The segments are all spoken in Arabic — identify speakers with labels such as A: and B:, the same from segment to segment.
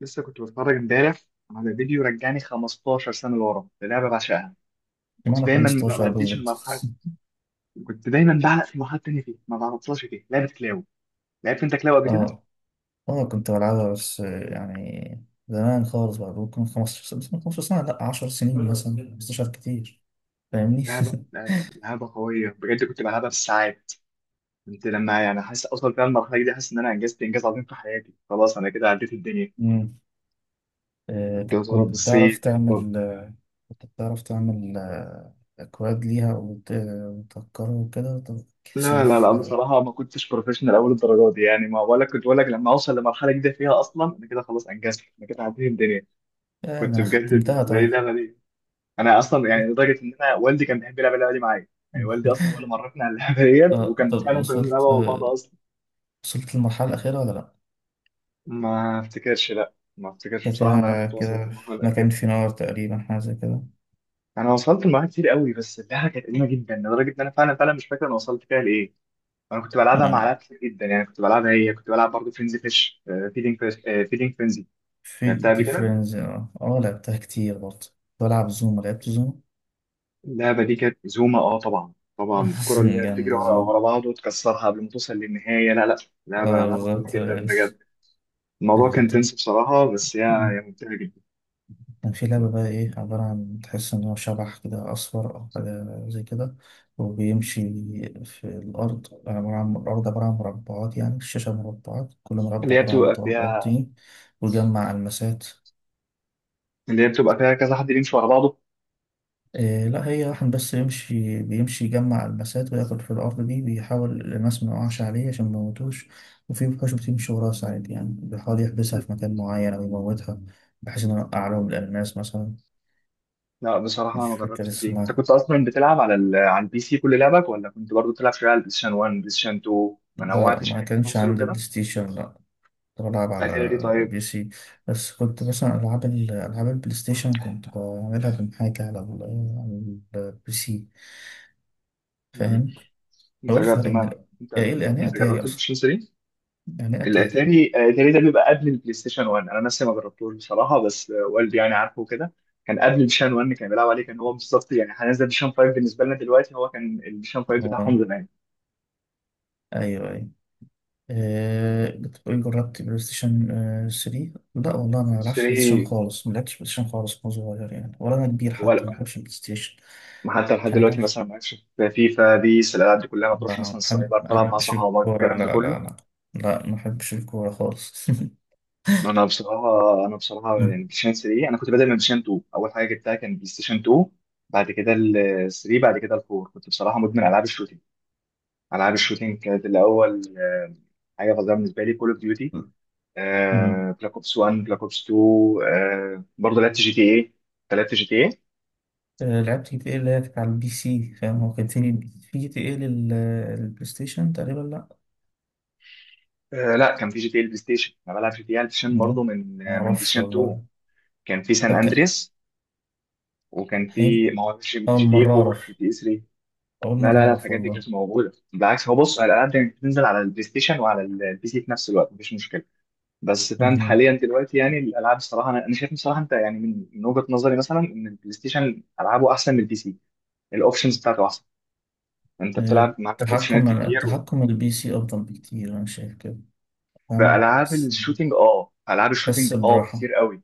A: لسه كنت بتفرج امبارح على فيديو رجعني 15 سنة لورا للعبة بعشقها.
B: ما
A: كنت
B: أنا
A: دايما ما
B: 15
A: بعديش
B: بالظبط.
A: المرحلة. كنت دايما بعلق في مرحلة تانية فيه ما بعرفهاش، فيه لعبة كلاو. لعبت انت كلاو قبل كده؟
B: اه، اه، كنت بلعبها، بس يعني زمان خالص بقى، ممكن 15 سنة. بس من 15 سنة لأ، 10 سنين مثلا، 15 كتير. فاهمني؟
A: لعبة لعبة لعبة قوية بجد، كنت بلعبها بالساعات. كنت لما يعني حاسس اوصل فيها المرحلة دي، حاسس ان انا انجزت انجاز عظيم في حياتي، خلاص انا كده عديت الدنيا.
B: مم.
A: كنت
B: طب
A: بضرب
B: كنت بتعرف
A: بالصيف طب.
B: تعمل أكواد ليها، وتهكرها وكده؟ طب كيف
A: لا لا لا،
B: سيوف؟
A: بصراحة ما كنتش بروفيشنال أول الدرجات دي، يعني ما ولا كنت، ولا لما أوصل لمرحلة جديدة فيها أصلا أنا كده خلاص أنجزت، أنا كده عديت الدنيا.
B: ده
A: كنت
B: أنا
A: بجد
B: ختمتها،
A: بالنسبه لي
B: طيب.
A: اللعبه دي، انا اصلا يعني لدرجه ان انا والدي كان بيحب يلعب اللعبه دي معايا. يعني والدي اصلا هو اللي مرفني على اللعبه ديت،
B: اه،
A: وكان
B: طب
A: فعلا كنا بنلعبها مع بعض اصلا.
B: وصلت للمرحلة الأخيرة ولا لأ؟
A: ما افتكرش، لا ما افتكرش بصراحه ان انا
B: كده.
A: كنت وصلت
B: كده.
A: للمرحله
B: ما كان
A: الاخيره.
B: في نار تقريبا، حاجة زي كده.
A: انا وصلت لمرحله كتير قوي، بس اللعبه كانت قديمه جدا لدرجه ان انا فعلا فعلا مش فاكر انا وصلت فيها لايه. انا كنت بلعبها مع لعبة كتير جدا، يعني كنت بلعبها، هي كنت بلعب برضه فرينزي فيش، فيدينج فيش، فيدينج فرينزي. لعبتها
B: في
A: قبل كده.
B: فريندز اه، لعبتها كتير برضه. بلعب زوم لعبت زوم.
A: اللعبة دي كانت زوما، اه طبعا طبعا. الكرة اللي هي بتجري
B: جامدة
A: ورا
B: زوم.
A: ورا بعض وتكسرها قبل ما توصل للنهاية، لا لا. لعبة
B: اه
A: لعبة قوية
B: بالظبط. آه،
A: جدا بجد. الموضوع كان
B: طب
A: تنس بصراحة، بس هي ممتعة جدا.
B: كان في لعبة بقى، ايه، عبارة عن تحس ان هو شبح كده اصفر او حاجة زي كده، وبيمشي في الارض. عبارة عن الارض عبارة عن مربعات، يعني الشاشة مربعات، كل
A: اللي
B: مربع
A: هي
B: عبارة عن
A: بتبقى
B: تراب او
A: فيها
B: طين، ويجمع المسات.
A: اللي هي بتبقى فيها كذا حد يمشي ورا بعضه.
B: إيه، لا، هي واحد بس يمشي، بيمشي يجمع المسات وياخد في الأرض دي، بيحاول الماس ما يقعش عليه عشان ما يموتوش. وفي وحوش بتمشي وراه ساعات، يعني بيحاول يحبسها في مكان معين أو يموتها، بحيث إنه يوقع لهم الألماس مثلا.
A: لا بصراحة أنا
B: مش
A: ما
B: فاكر
A: جربتش دي. أنت
B: اسمها.
A: كنت أصلا بتلعب على على البي سي كل لعبك، ولا كنت برضو بتلعب شوية على البلايستيشن 1، بلايستيشن 2؟ ما
B: لا،
A: نوعتش
B: ما
A: يعني في
B: كانش
A: الكونسول
B: عندي
A: وكده.
B: بلاي ستيشن، لا. كنت بلعب على
A: أتاري طيب.
B: بي سي. بس كنت مثلا ألعاب ألعاب البلاي ستيشن كنت بعملها من حاجة على على البي سي.
A: مم.
B: فاهم؟ هو
A: أنت
B: إيه
A: جربت،
B: الفرق من
A: ما أنت،
B: يعني إيه
A: أنت
B: أتاري
A: جربت
B: أصلا؟
A: البلايستيشن؟
B: يعني إيه أتاري؟
A: الاتاري، الاتاري ده بيبقى قبل البلاي ستيشن 1. انا نفسي ما جربتوش بصراحه، بس والدي يعني عارفه كده. كان قبل البلايستيشن 1 كان بيلعب عليه، كان هو بالظبط يعني هنزل البلايستيشن 5 بالنسبه لنا دلوقتي، هو كان البلايستيشن 5 بتاعهم
B: آه.
A: زمان.
B: ايوه، ايوه. أه، بتقولي جربت بلاي ستيشن 3؟ لا والله، انا ما بلعبش بلاي ستيشن
A: 3؟
B: خالص، ما لعبتش بلاي ستيشن خالص وانا صغير يعني، ولا انا كبير حتى. ما
A: ولا
B: بحبش البلاي ستيشن،
A: حتى لحد
B: عشان انا
A: دلوقتي
B: بعرف-
A: مثلا ما عادش في فيفا بيس، الالعاب دي كلها، ما بتروحش مثلا السايبر
B: ما
A: تلعب مع
B: بحبش
A: صحابك
B: الكوره.
A: الكلام
B: لا،
A: ده كله؟
B: لا، لا، لا، ما بحبش الكوره خالص.
A: انا بصراحه يعني
B: أمم.
A: بلايستيشن 3، انا كنت بادئ من بلايستيشن 2، اول حاجه جبتها كان بلايستيشن 2، بعد كده ال 3، بعد كده ال 4. كنت بصراحه مدمن العاب الشوتنج. العاب الشوتينج كانت الاول حاجه فظيعه بالنسبه لي، كول اوف ديوتي،
B: أمم.
A: بلاك اوبس 1، بلاك اوبس 2. برضه لعبت جي تي اي. أنت لعبت جي تي اي؟
B: لعبت جي تي ايه، اللي هي كانت على البي سي. فاهم، هو كان تاني في جي تي ايه للبلاي ستيشن تقريبا، لا.
A: لا كان في جي تي اي البلاي ستيشن. انا بلعب جي تي اي على البلاي ستيشن برضه
B: أمم.
A: من
B: ما
A: من بلاي
B: اعرفش
A: ستيشن 2.
B: والله.
A: كان في سان
B: طب كان
A: اندريس، وكان
B: هي-
A: في، ما هو
B: اول
A: جي تي اي
B: مره
A: 4،
B: اعرف
A: جي تي اي 3.
B: اول
A: لا
B: مره
A: لا لا،
B: اعرف
A: الحاجات دي
B: والله.
A: كانت موجوده بالعكس. هو بص، الالعاب دي بتنزل على البلاي ستيشن وعلى البي سي في نفس الوقت، مفيش مشكله. بس فاهم، حاليا دلوقتي يعني الالعاب الصراحه، أنا شايف بصراحه انت، يعني من وجهه نظري مثلا ان البلاي ستيشن العابه احسن من البي سي. الاوبشنز بتاعته احسن، انت
B: آه،
A: بتلعب عندك اوبشنات
B: التحكم،
A: كتير و...
B: البي سي أفضل بكتير، أنا شايف كده. فاهم،
A: فالعاب الشوتينج اه، العاب
B: تحس
A: الشوتينج اه
B: براحة.
A: كتير قوي.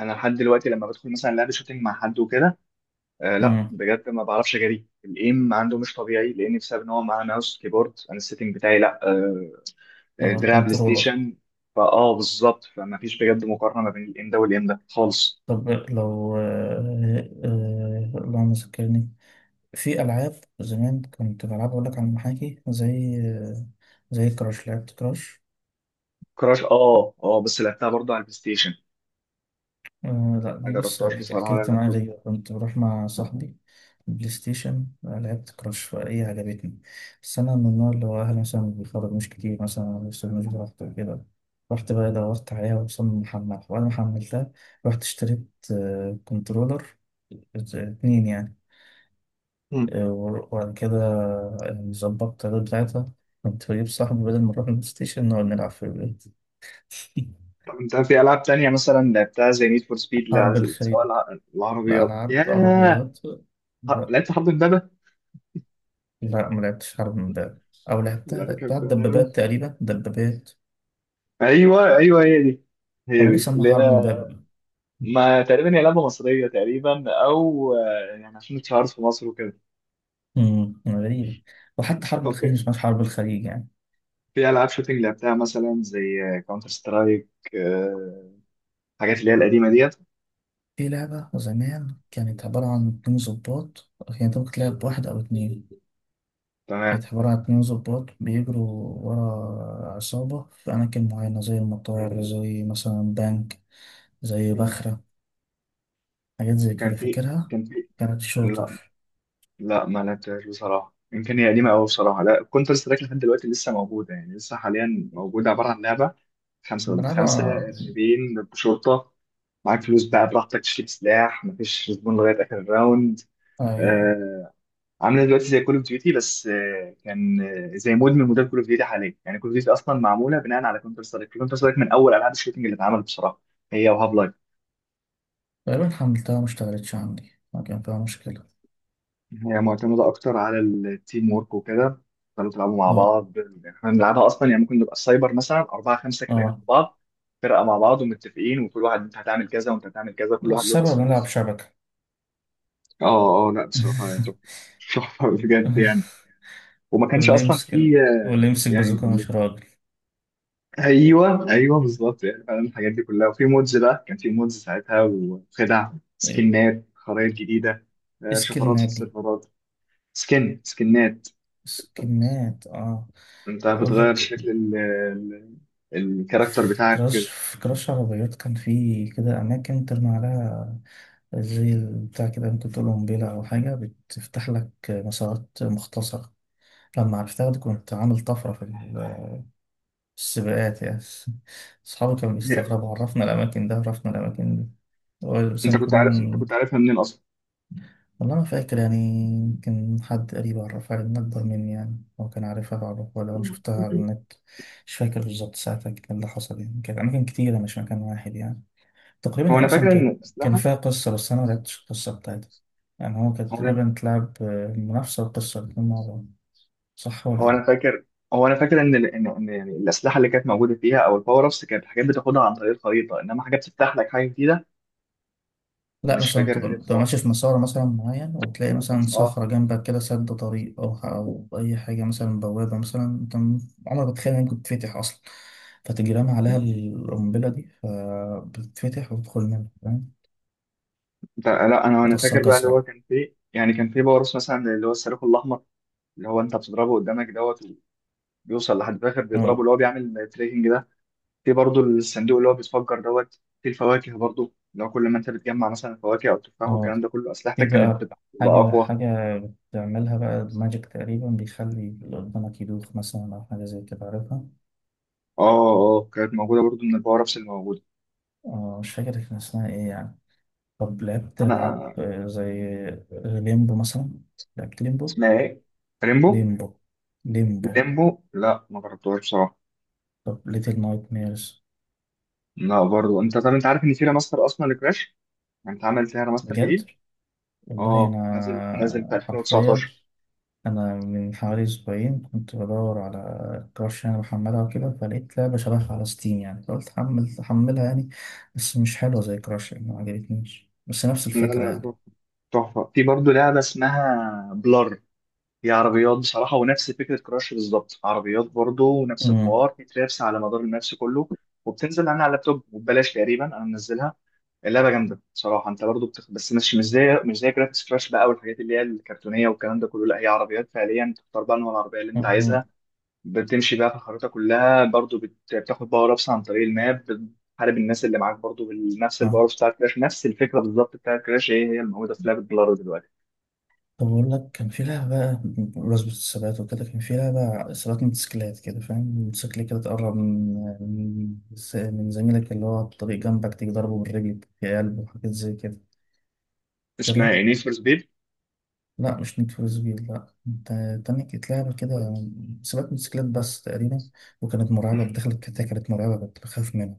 A: انا لحد دلوقتي لما بدخل مثلا لعبه شوتينج مع حد وكده، آه لا
B: أمم.
A: بجد ما بعرفش اجري، الايم عنده مش طبيعي، لان بسبب ان هو معاه ماوس كيبورد، انا السيتنج بتاعي لا آه،
B: لو
A: دراع بلاي
B: كنترولر.
A: ستيشن. فاه بالظبط، فما فيش بجد مقارنه ما بين الايم ده والايم ده خالص.
B: طب لو اللهم ذكرني، في ألعاب زمان كنت بلعبها أقول لك على المحاكي، زي كراش. لعبت كراش.
A: كراش اه اه، بس لعبتها برضه على البلاي ستيشن.
B: آه لا،
A: ما
B: دي بص،
A: جربتهاش بصراحه على
B: حكايتي معايا
A: اللابتوب.
B: غريبة. كنت بروح مع صاحبي بلاي ستيشن، لعبت كراش فهي عجبتني. بس أنا من النوع اللي هو أهلي مثلا ما بيخرجوش كتير مثلا، لسه مش براحته وكده. رحت بقى دورت عليها، وصلنا محملها وأنا ما حملتها. رحت اشتريت كنترولر اتنين يعني.
A: مم.
B: وبعد كده ظبطت الرد بتاعتها. كنت بجيب صاحبي بدل ما نروح البلاي ستيشن، نقعد نلعب في البيت.
A: طب انت في العاب تانية مثلا لعبتها زي نيد فور سبيد؟ لا،
B: حرب
A: سواء
B: الخيل.
A: العربيات،
B: الألعاب
A: ياه.
B: عربيات.
A: لعبت حرب امبابه؟
B: لا، ما لعبتش حرب من باب. او لعبتها،
A: لا كان
B: بتاعت
A: في ألعاب.
B: دبابات تقريبا، دبابات.
A: ايوه ايوه هي دي، هي
B: او ليه
A: دي اللي
B: سموها حرب من
A: هي.
B: باب؟
A: ما تقريبا هي لعبه مصريه تقريبا، او يعني عشان اتشهرت في مصر وكده.
B: غريب. وحتى حرب
A: طب
B: الخليج، مش حرب الخليج يعني.
A: في العاب شوتنج لعبتها مثلا زي كاونتر سترايك؟ حاجات اللي هي القديمه ديت.
B: في لعبة زمان كانت عبارة عن اتنين ظباط، يعني انت ممكن تلعب بواحد أو اتنين. كانت
A: تمام.
B: عبارة عن اتنين ظباط بيجروا ورا عصابة في أماكن معينة، زي المطار، زي مثلا بنك، زي
A: مم.
B: بخرة، حاجات زي
A: كان
B: كده
A: في
B: فاكرها.
A: كان في
B: كانت
A: لا
B: شوتر.
A: لا، ما لعبتهاش بصراحة، يمكن هي قديمة أوي بصراحة. لا كونتر سترايك لحد دلوقتي لسه موجودة، يعني لسه حاليا موجودة. عبارة عن لعبة خمسة ضد خمسة،
B: بلعبها.
A: إرهابيين ضد شرطة، معاك فلوس بقى براحتك تشتري سلاح، مفيش زبون لغاية آخر الراوند.
B: أيوة.
A: آه. عاملة دلوقتي زي كول أوف ديوتي، بس آه كان، آه زي مود من مودات كول أوف ديوتي حاليا. يعني كول أوف ديوتي أصلا معمولة بناء على كونتر سترايك، كونتر سترايك من أول ألعاب الشوتنج اللي اتعملت بصراحة، هي وهاف لايف.
B: تقريبا حملتها ما اشتغلتش عندي، ما كان فيها مشكلة.
A: هي معتمدة أكتر على التيم ورك وكده، تفضلوا تلعبوا مع
B: اه،
A: بعض. يعني احنا بنلعبها أصلا يعني ممكن نبقى السايبر مثلا أربعة خمسة كده جنب
B: اه،
A: بعض، فرقة مع بعض ومتفقين، وكل واحد أنت هتعمل كذا وأنت هتعمل كذا، كل واحد له
B: السبب
A: تاسكات.
B: نلعب شبكة.
A: اه اه، لا بصراحة يعني تحفة. تحفة بجد يعني. وما كانش
B: واللي
A: أصلا في
B: يمسك، واللي يمسك
A: يعني
B: بازوكا مش راجل.
A: أيوه أيوه بالظبط، يعني فعلا الحاجات دي كلها. وفي مودز بقى، كان في مودز ساعتها وخدع،
B: ايه،
A: سكنات، خرائط جديدة، شفرات في
B: سكيلنات دي.
A: السيرفرات. سكنات،
B: سكيلنات. اه،
A: انت
B: اقول
A: بتغير
B: لك،
A: شكل الكاركتر بتاعك وكده.
B: في كراش عربيات، كان في كده اماكن ترمي عليها، زي بتاع كده، ممكن تقول قنبلة او حاجة بتفتح لك مسارات مختصرة. لما عرفتها دي كنت عامل طفرة في السباقات يعني. أصحابي كانوا
A: هي،
B: بيستغربوا، عرفنا الأماكن دي. هو بس
A: انت كنت عارف، انت
B: نكون،
A: كنت عارفها منين اصلا؟
B: والله ما فاكر يعني. يمكن حد قريب عرفها لي، من أكبر مني يعني، هو كان عارفها بعرفها، ولا أنا شفتها على النت. مش فاكر بالظبط ساعتها كان اللي حصل يعني. كانت أماكن كتيرة مش مكان واحد يعني. تقريبا
A: هو
B: هي
A: انا
B: أصلا
A: فاكر ان
B: كانت، كان
A: الاسلحه
B: فيها قصة، بس أنا ما لعبتش القصة بتاعتها. يعني هو كانت
A: هو انا
B: تقريبا تلعب المنافسة والقصة الاتنين مع بعض. صح ولا
A: هو انا
B: إيه؟
A: فاكر هو انا فاكر ان إن يعني الاسلحه اللي كانت موجوده فيها او الباور ابس، كانت حاجات بتاخدها عن طريق الخريطه، انما حاجات بتفتح لك حاجه جديده.
B: لا،
A: مش
B: مثلا
A: فاكرها دي
B: تبقى
A: بصراحه،
B: ماشي في مسار مثلا معين، وتلاقي مثلا
A: اه.
B: صخرة جنبك كده سد طريق، أو أو أي حاجة، مثلا بوابة مثلا، عمرك ما تتخيل إنها ممكن تتفتح أصلا، فتجي رامي عليها القنبلة دي فبتتفتح وتدخل منها، فاهم؟
A: انت لا، انا فاكر
B: بتوصلك
A: بقى اللي هو
B: أسرع.
A: كان فيه، يعني كان فيه باور ابس مثلا، اللي هو الصاروخ الاحمر، اللي هو انت بتضربه قدامك دوت بيوصل لحد الاخر بيضربه،
B: أه،
A: اللي هو بيعمل تريكنج ده. في برضو الصندوق اللي هو بيتفجر دوت في الفواكه برضو، لو كل ما انت بتجمع مثلا فواكه او تفاح
B: أه،
A: والكلام ده كله،
B: في
A: اسلحتك كانت
B: بقى
A: بتبقى اقوى.
B: حاجة بتعملها بقى ماجيك تقريبا، بيخلي اللي قدامك يدوخ مثلا، أو حاجة زي كده عارفها.
A: اه اه، كانت موجوده برضو من الباور ابس اللي موجوده.
B: أه، مش فاكر كان اسمها إيه يعني. طب لعبت ألعاب
A: انا
B: زي ليمبو مثلا. لعبت ليمبو.
A: اسمها ايه؟ ريمبو،
B: ليمبو. ليمبو.
A: ليمبو؟ لا ما جربتهاش بصراحه.
B: طب ليتل نايت ميرز.
A: لا برضو. انت طب انت عارف ان في ريماستر اصلا لكراش؟ يعني انت عملت فيها ريماستر
B: بجد؟
A: جديد.
B: والله
A: اه، نازل في
B: أنا حرفيا،
A: 2019.
B: أنا من حوالي أسبوعين كنت بدور على كراش يعني، بحملها وكده، فلقيت لعبة شبهها على ستيم يعني، فقلت حمل أحملها يعني، بس مش حلوة زي كراش يعني، ما عجبتنيش، بس نفس
A: لا
B: الفكرة يعني.
A: لا، تحفه. في برضو لعبه اسمها بلار، هي عربيات بصراحة ونفس فكرة كراش بالظبط، عربيات برضه ونفس الحوار، في ترابس على مدار الماتش كله، وبتنزل عنها على اللابتوب، وببلاش تقريبا أنا منزلها. اللعبة جامدة بصراحة، أنت برضه بس مش زي، مش زي جرافيكس كراش بقى والحاجات اللي هي الكرتونية والكلام ده كله، لا هي عربيات فعليا. تختار بقى نوع العربية اللي أنت
B: امم
A: عايزها، بتمشي بقى في الخريطة كلها برضه بتاخد باور أبس عن طريق الماب، بتحارب الناس اللي معاك برضه بنفس الباور بتاع كراش، نفس الفكرة بالظبط بتاع كراش، هي الموجودة في لعبة بلارو دلوقتي.
B: طب بقول لك، كان في لعبة بمناسبة الثبات وكده. كان في لعبة ثبات موتوسيكلات كده، فاهم موتوسيكل كده، تقرب من من زميلك اللي هو على الطريق جنبك، تيجي ضربه بالرجل في قلبه وحاجات زي كده،
A: اسمها
B: فاكرها؟
A: إيه، نيد فور سبيد؟
B: لا، مش نيد فور سبيد. لا، انت تاني، كانت لعبة كده ثبات موتوسيكلات بس تقريبا، وكانت مرعبة. دخلت، كانت مرعبة، كنت بخاف منها.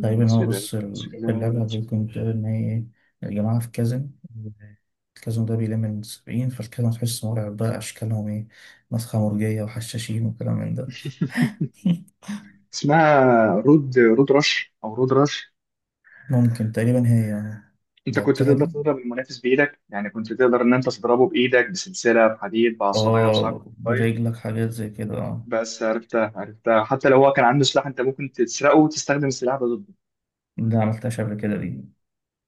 B: تقريبا، هو بص اللعبة،
A: موتوسيكلات
B: ممكن بتقول إن هي الجماعة في كازن. الكازن ده بيلم من سبعين، فالكازن تحس مرعب بقى، أشكالهم إيه، مسخة مرجية وحشاشين وكلام من ده.
A: اسمها رود رش، او رود رش.
B: ممكن تقريبا هي.
A: انت كنت
B: لعبتها
A: تقدر
B: دي،
A: تضرب المنافس بايدك، يعني كنت تقدر ان انت تضربه بايدك، بسلسله، بحديد، بعصايه، بصاروخ
B: اه،
A: طيب.
B: برجلك، حاجات زي كده، اه.
A: بس عرفتها عرفتها، حتى لو هو كان عنده سلاح، انت ممكن تسرقه وتستخدم السلاح ده ضده.
B: ده عملتهاش قبل كده دي.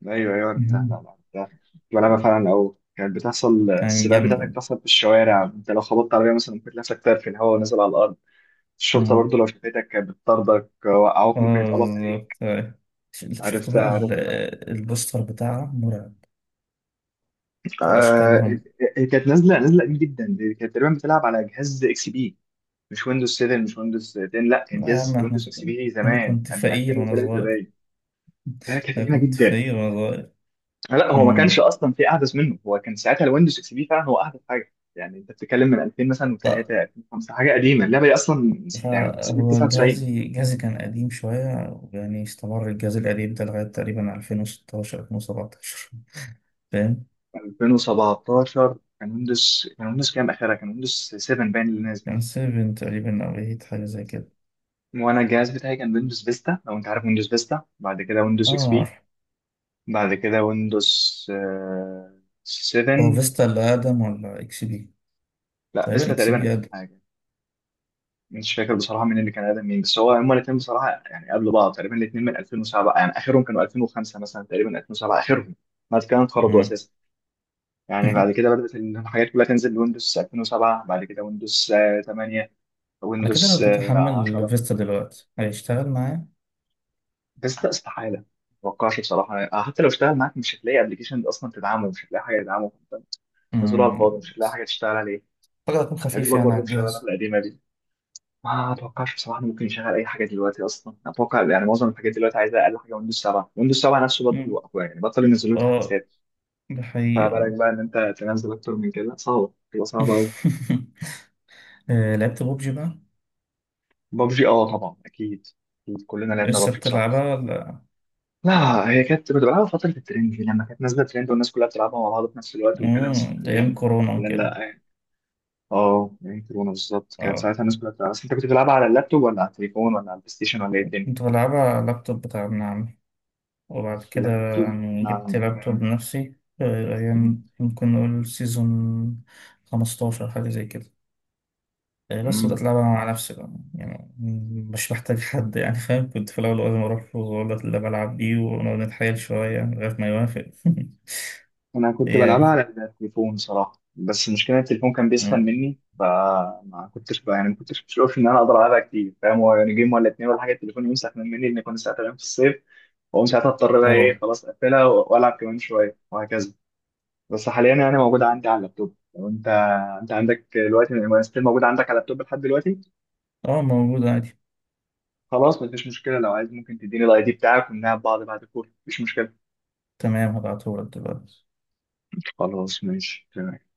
A: ايوه ايوه عرفتها، لا
B: مهم.
A: لا عرفتها. كنت بلعبها فعلا، او كانت بتحصل
B: كانت
A: السباقات بتاعتك
B: جامدة.
A: بتحصل في الشوارع، انت لو خبطت عربيه مثلا ممكن تلاقي نفسك طاير في الهواء ونازل على الارض. الشرطه
B: مم.
A: برضو لو شافتك كانت بتطاردك، وقعوك
B: اه
A: ممكن يتقبض عليك.
B: بالظبط، أيوة. شفت
A: عرفتها
B: بقى
A: عرفتها،
B: البوستر بتاعها مرعب، أو
A: آه.
B: أشكالهم.
A: هي كانت نازله قديم جدا، دي كانت تقريبا بتلعب على جهاز اكس بي. مش ويندوز 7، مش ويندوز 10، لا كان
B: لا يا عم
A: جهاز
B: احنا،
A: ويندوز اكس بي
B: انا
A: زمان
B: كنت
A: من
B: فقير وانا
A: 2003
B: صغير.
A: باين. ده كانت
B: انا
A: قديمه
B: كنت
A: جدا.
B: فقير وانا صغير.
A: لا هو ما كانش
B: امم،
A: اصلا في احدث منه، هو كان ساعتها الويندوز اكس بي فعلا هو احدث حاجه، يعني انت بتتكلم من 2000 مثلا و3،
B: طيب.
A: 2005، حاجه قديمه. اللعبه دي اصلا من يعني من سنه
B: فهو
A: 99.
B: جهازي كان قديم شوية، يعني استمر الجهاز القديم ده لغاية تقريبا 2016، 2017، فاهم.
A: 2017 كان ويندوز، كام اخرها؟ كان ويندوز 7 باين اللي نازل.
B: كان 7 تقريبا أو 8، حاجة زي كده.
A: وانا الجهاز بتاعي كان ويندوز فيستا، لو انت عارف ويندوز فيستا، بعد كده
B: اه،
A: ويندوز اكس بي،
B: عارف.
A: بعد كده ويندوز
B: هو
A: 7.
B: فيستا اللي أقدم ولا إكس بي؟
A: لا
B: تقريبا
A: فيستا
B: إكس
A: تقريبا
B: بي
A: اقدم
B: أقدم.
A: حاجه. مش فاكر بصراحه مين اللي كان اقدم مين، بس هو هما الاثنين بصراحه يعني قبل بعض تقريبا، الاثنين من 2007، يعني اخرهم كانوا 2005 مثلا، تقريبا 2007 اخرهم، بعد كده انقرضوا
B: مم.
A: اساسا. يعني بعد كده بدات الحاجات كلها تنزل لويندوز 2007، بعد كده ويندوز 8،
B: على كده لو
A: ويندوز
B: جيت أحمل
A: 10.
B: فيستا دلوقتي هيشتغل معايا؟
A: فيستا استحاله، ما اتوقعش بصراحه حتى لو اشتغل معاك مش هتلاقي ابلكيشن اصلا تدعمه، مش هتلاقي حاجه تدعمه، نزلوها على الفاضي، مش
B: مم.
A: هتلاقي حاجه تشتغل عليه.
B: أعتقد هيكون
A: يعني
B: خفيف
A: دوبك
B: يعني
A: برضه
B: على
A: مش شغاله
B: الجهاز.
A: القديمه دي، ما اتوقعش بصراحه إنه ممكن يشغل اي حاجه دلوقتي اصلا. اتوقع يعني معظم الحاجات دلوقتي عايزه اقل حاجه ويندوز 7، ويندوز 7 نفسه بطل،
B: مم.
A: يوقفوها يعني بطل ينزلوا له
B: اه،
A: تحديثات.
B: ده
A: فبالك
B: حقيقة.
A: بقى ان انت تنزل اكتر من كده، صعبه تبقى صعبه قوي.
B: لعبت ببجي بقى.
A: ببجي اه طبعا اكيد. أكيد. كلنا لعبنا
B: لسه
A: ببجي بصراحه.
B: بتلعبها ولا؟
A: لا، هي كانت كنت بلعبها فتره الترند دي لما كانت نازله ترند والناس كلها بتلعبها مع بعض في نفس الوقت وكده، بس
B: مم، أيام
A: حاليا،
B: كورونا
A: حاليا
B: وكده.
A: لا يعني. اه يعني كورونا بالظبط كانت
B: اه،
A: ساعتها الناس كلها بتلعبها. بس انت كنت بتلعبها على اللابتوب ولا على التليفون ولا على البلاي ستيشن ولا ايه الدنيا؟
B: كنت بلعبها على اللابتوب بتاع ابن عمي، وبعد كده
A: لابتوب،
B: يعني جبت
A: نعم.
B: لابتوب بنفسي، أيام ممكن نقول سيزون 15 حاجة زي كده، بس بدأت
A: مم.
B: ألعبها مع نفسي بقى يعني، مش محتاج حد يعني، فاهم كنت في الأول لازم أروح له وأقول له اللي بلعب بيه، ونقعد نتحايل شوية لغاية ما يوافق.
A: انا كنت
B: هي،
A: بلعبها على التليفون صراحه، بس المشكله إن التليفون كان بيسخن مني، فما كنتش بقى يعني ما كنتش بشوف ان انا اقدر العبها كتير، فاهم، هو يعني جيم ولا اتنين ولا حاجه، التليفون يمسح من مني، لان كنت ساعتها غير في الصيف، واقوم ساعتها اضطر بقى ايه،
B: اه،
A: خلاص اقفلها والعب كمان شويه، وهكذا. بس حاليا يعني موجوده عندي على اللابتوب. لو انت، عندك دلوقتي ستيل موجوده عندك على اللابتوب لحد دلوقتي؟
B: اه، موجود عادي.
A: خلاص مفيش مشكله، لو عايز ممكن تديني الاي دي بتاعك ونلعب بعض بعد الكورة، مفيش مشكله.
B: تمام، هبعتهولك دلوقتي.
A: خلاص ماشي تمام.